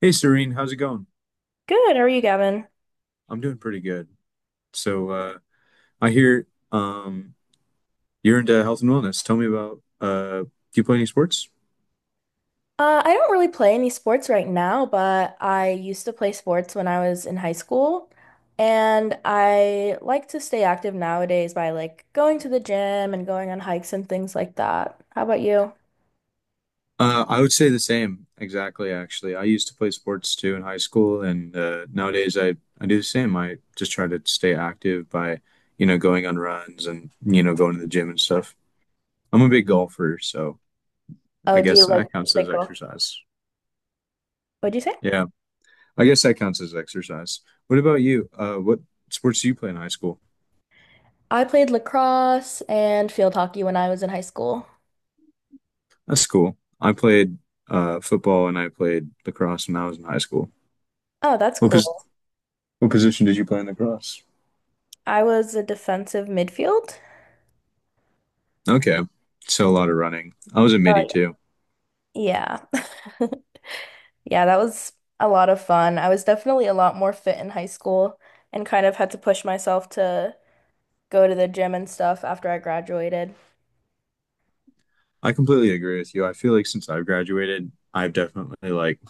Hey, Serene, how's it going? Good, how are you, Gavin? I'm doing pretty good. So, uh, I hear um, you're into health and wellness. Tell me about do you play any sports? I don't really play any sports right now, but I used to play sports when I was in high school. And I like to stay active nowadays by like going to the gym and going on hikes and things like that. How about you? I would say the same, exactly, actually. I used to play sports too in high school, and nowadays I do the same. I just try to stay active by, going on runs and, going to the gym and stuff. I'm a big golfer, so I Oh, do guess you like that counts as golf? exercise. What'd you say? Yeah, I guess that counts as exercise. What about you? What sports do you play in high school? I played lacrosse and field hockey when I was in high school. That's cool. I played football and I played lacrosse when I was in high school. Oh, that's What pos cool. what position did you play in lacrosse? I was a defensive midfield. Okay, so a lot of running. I was a midi Oh, too. yeah. Yeah. Yeah, that was a lot of fun. I was definitely a lot more fit in high school and kind of had to push myself to go to the gym and stuff after I graduated. I completely agree with you. I feel like since I've graduated, I've definitely like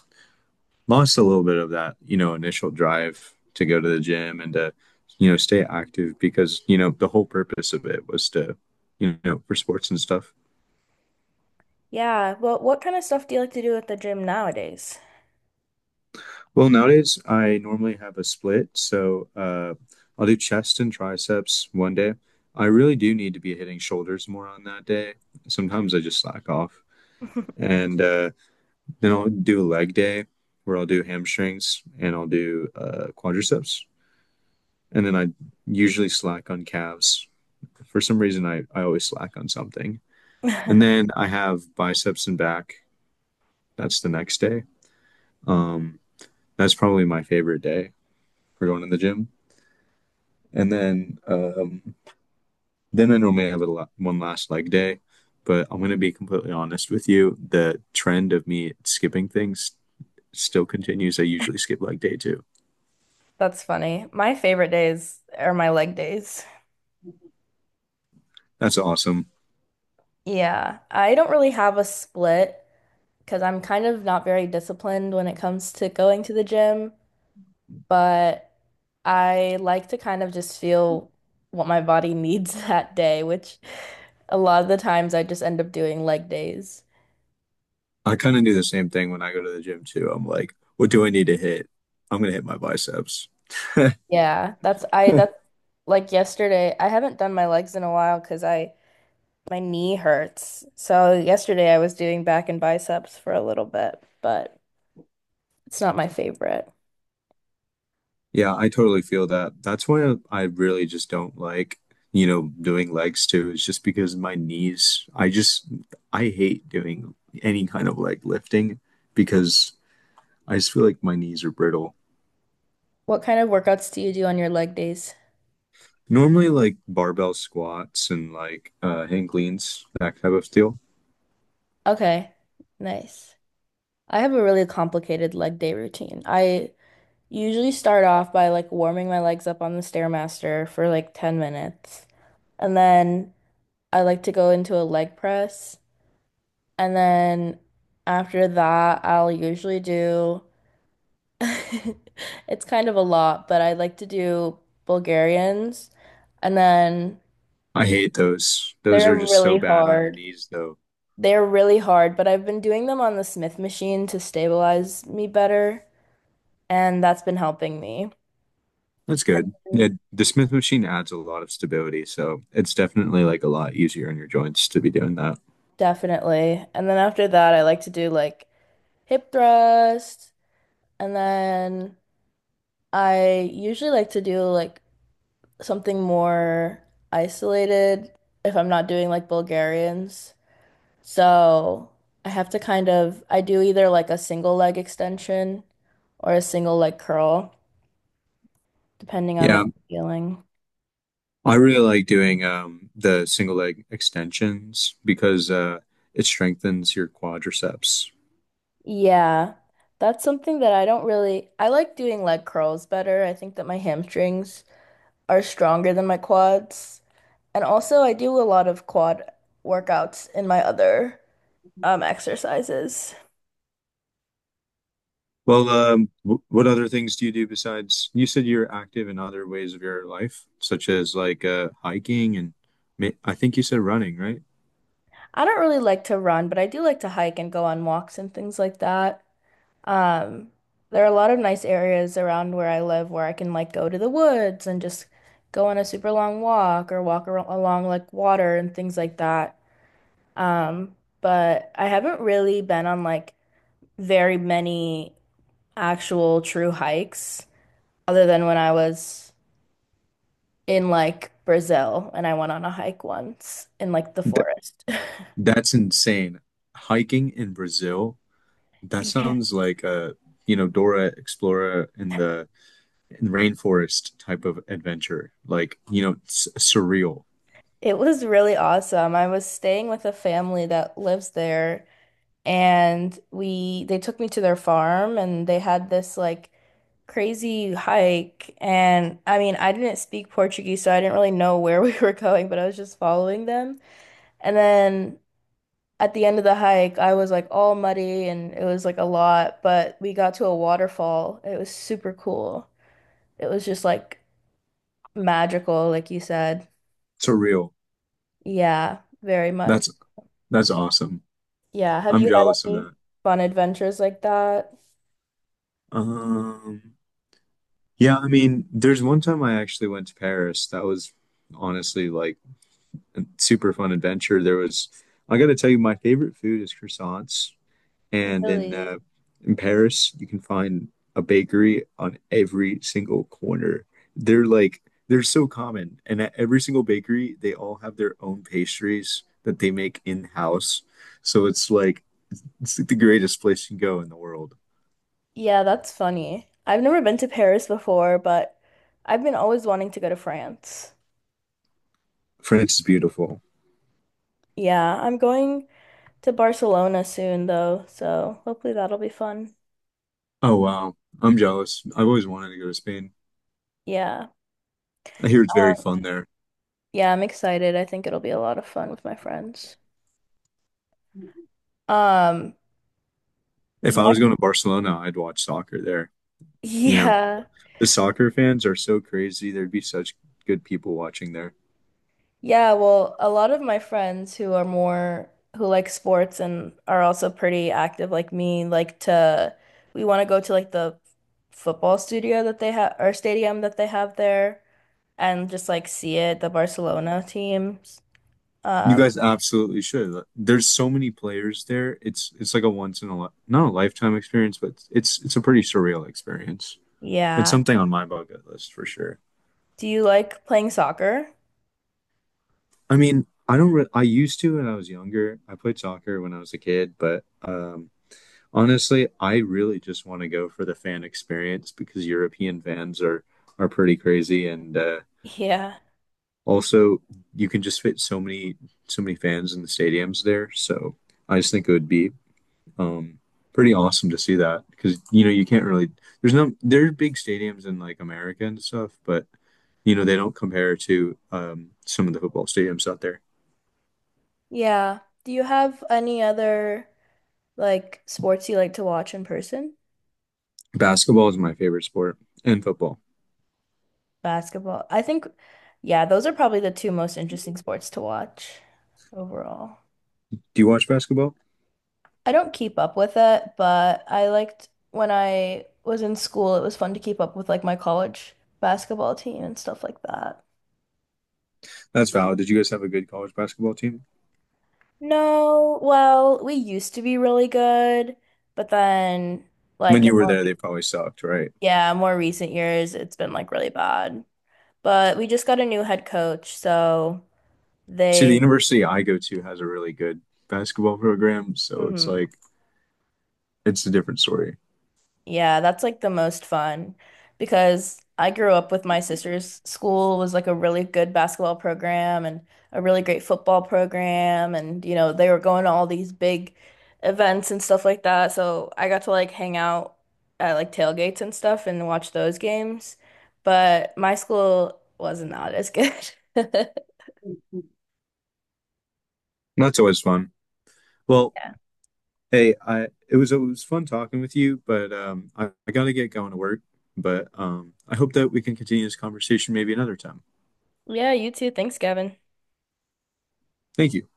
lost a little bit of that, initial drive to go to the gym and to, stay active because, the whole purpose of it was to, for sports and stuff. Yeah, well, what kind of stuff do you like to do at the gym nowadays? Well, nowadays I normally have a split, so I'll do chest and triceps one day. I really do need to be hitting shoulders more on that day. Sometimes I just slack off, and then I'll do a leg day where I'll do hamstrings and I'll do quadriceps, and then I usually slack on calves. For some reason, I always slack on something, That's and then I have biceps and back. That's the next day. Um, that's probably my favorite day for going to the gym. And then I normally have a la one last leg day, but I'm gonna be completely honest with you, the trend of me skipping things still continues. I usually skip leg day too. funny. My favorite days are my leg days. That's awesome. Yeah, I don't really have a split because I'm kind of not very disciplined when it comes to going to the gym, but I like to kind of just feel what my body needs that day, which a lot of the times I just end up doing leg days. I kind of do the same thing when I go to the gym too. I'm like, what do I need to hit? I'm gonna hit my biceps. Yeah, that's like yesterday. I haven't done my legs in a while because I my knee hurts. So yesterday I was doing back and biceps for a little bit, but it's not my favorite. Yeah, I totally feel that. That's why I really just don't like, doing legs too. It's just because my knees, I hate doing any kind of leg lifting because I just feel like my knees are brittle. What kind of workouts do you do on your leg days? Normally, like barbell squats and like hang cleans, that type of deal. Okay, nice. I have a really complicated leg day routine. I usually start off by like warming my legs up on the Stairmaster for like 10 minutes. And then I like to go into a leg press. And then after that, I'll usually do it's kind of a lot, but I like to do Bulgarians. And then I hate those. Those they're are just so really bad on your hard. knees, though. They're really hard, but I've been doing them on the Smith machine to stabilize me better, and that's been helping me. That's good. Yeah, the Smith machine adds a lot of stability, so it's definitely like a lot easier on your joints to be doing that. Definitely. And then after that, I like to do like hip thrust. And then I usually like to do like something more isolated if I'm not doing like Bulgarians. So I have to kind of, I do either like a single leg extension or a single leg curl, depending on what Yeah, I'm feeling. I really like doing the single leg extensions because it strengthens your quadriceps. Yeah, that's something that I don't really, I like doing leg curls better. I think that my hamstrings are stronger than my quads. And also, I do a lot of quad workouts in my other exercises. Well, what other things do you do besides you said you're active in other ways of your life, such as like hiking and I think you said running, right? I don't really like to run, but I do like to hike and go on walks and things like that. Um, there are a lot of nice areas around where I live where I can like go to the woods and just go on a super long walk or walk ar along like water and things like that. But I haven't really been on like very many actual true hikes other than when I was in like Brazil and I went on a hike once in like the Th forest. that's insane. Hiking in Brazil, that Yeah. sounds like you know, Dora Explorer in the in rainforest type of adventure. Like, you know, s surreal. It was really awesome. I was staying with a family that lives there and we they took me to their farm and they had this like crazy hike, and I mean I didn't speak Portuguese so I didn't really know where we were going, but I was just following them. And then at the end of the hike I was like all muddy and it was like a lot, but we got to a waterfall. It was super cool. It was just like magical, like you said. Surreal. Yeah, very much. That's that's awesome. Yeah. Have I'm you had jealous of any that. fun adventures like that? Um, yeah, I mean, there's one time I actually went to Paris. That was honestly like a super fun adventure. I gotta tell you, my favorite food is croissants. And Really? in Paris, you can find a bakery on every single corner. They're like they're so common, and at every single bakery, they all have their own pastries that they make in-house. So it's like the greatest place you can go in the world. Yeah, that's funny. I've never been to Paris before, but I've been always wanting to go to France. France is beautiful. Yeah, I'm going to Barcelona soon though, so hopefully that'll be fun. Oh wow. I'm jealous. I've always wanted to go to Spain. Yeah. I hear it's very Um, fun there. yeah, I'm excited. I think it'll be a lot of fun with my friends. Um, If I was back, going to Barcelona, I'd watch soccer there. You know, yeah. the soccer fans are so crazy. There'd be such good people watching there. Yeah, well, a lot of my friends who are more who like sports and are also pretty active like me like to we want to go to like the football studio that they have or stadium that they have there and just like see it, the Barcelona teams. You Um, guys absolutely should. Like, there's so many players there. It's like a once in a li not a lifetime experience, but it's a pretty surreal experience. It's yeah. something on my bucket list for sure. Do you like playing soccer? I mean, I don't re I used to when I was younger. I played soccer when I was a kid, but honestly, I really just want to go for the fan experience because European fans are pretty crazy, and Yeah. also you can just fit so many fans in the stadiums there. So I just think it would be um, pretty awesome to see that because you know you can't really there's no there's big stadiums in like America and stuff, but you know they don't compare to some of the football stadiums out there. Yeah. Do you have any other like sports you like to watch in person? Basketball is my favorite sport, and football. Basketball. I think, yeah, those are probably the two most interesting sports to watch overall. Do you watch basketball? I don't keep up with it, but I liked when I was in school, it was fun to keep up with like my college basketball team and stuff like that. That's valid. Did you guys have a good college basketball team? No, well, we used to be really good, but then When like in you were more there, re they probably sucked, right? yeah, more recent years, it's been like really bad. But we just got a new head coach, so See, the they university I go to has a really good basketball program, so mhm. It's a different story. Yeah, that's like the most fun because I grew up with my sister's school was like a really good basketball program and a really great football program, and you know they were going to all these big events and stuff like that. So I got to like hang out at like tailgates and stuff and watch those games. But my school was not as good. And that's always fun. Well, hey, I it was fun talking with you, but I gotta get going to work. But I hope that we can continue this conversation maybe another time. Yeah, you too. Thanks, Gavin. Thank you.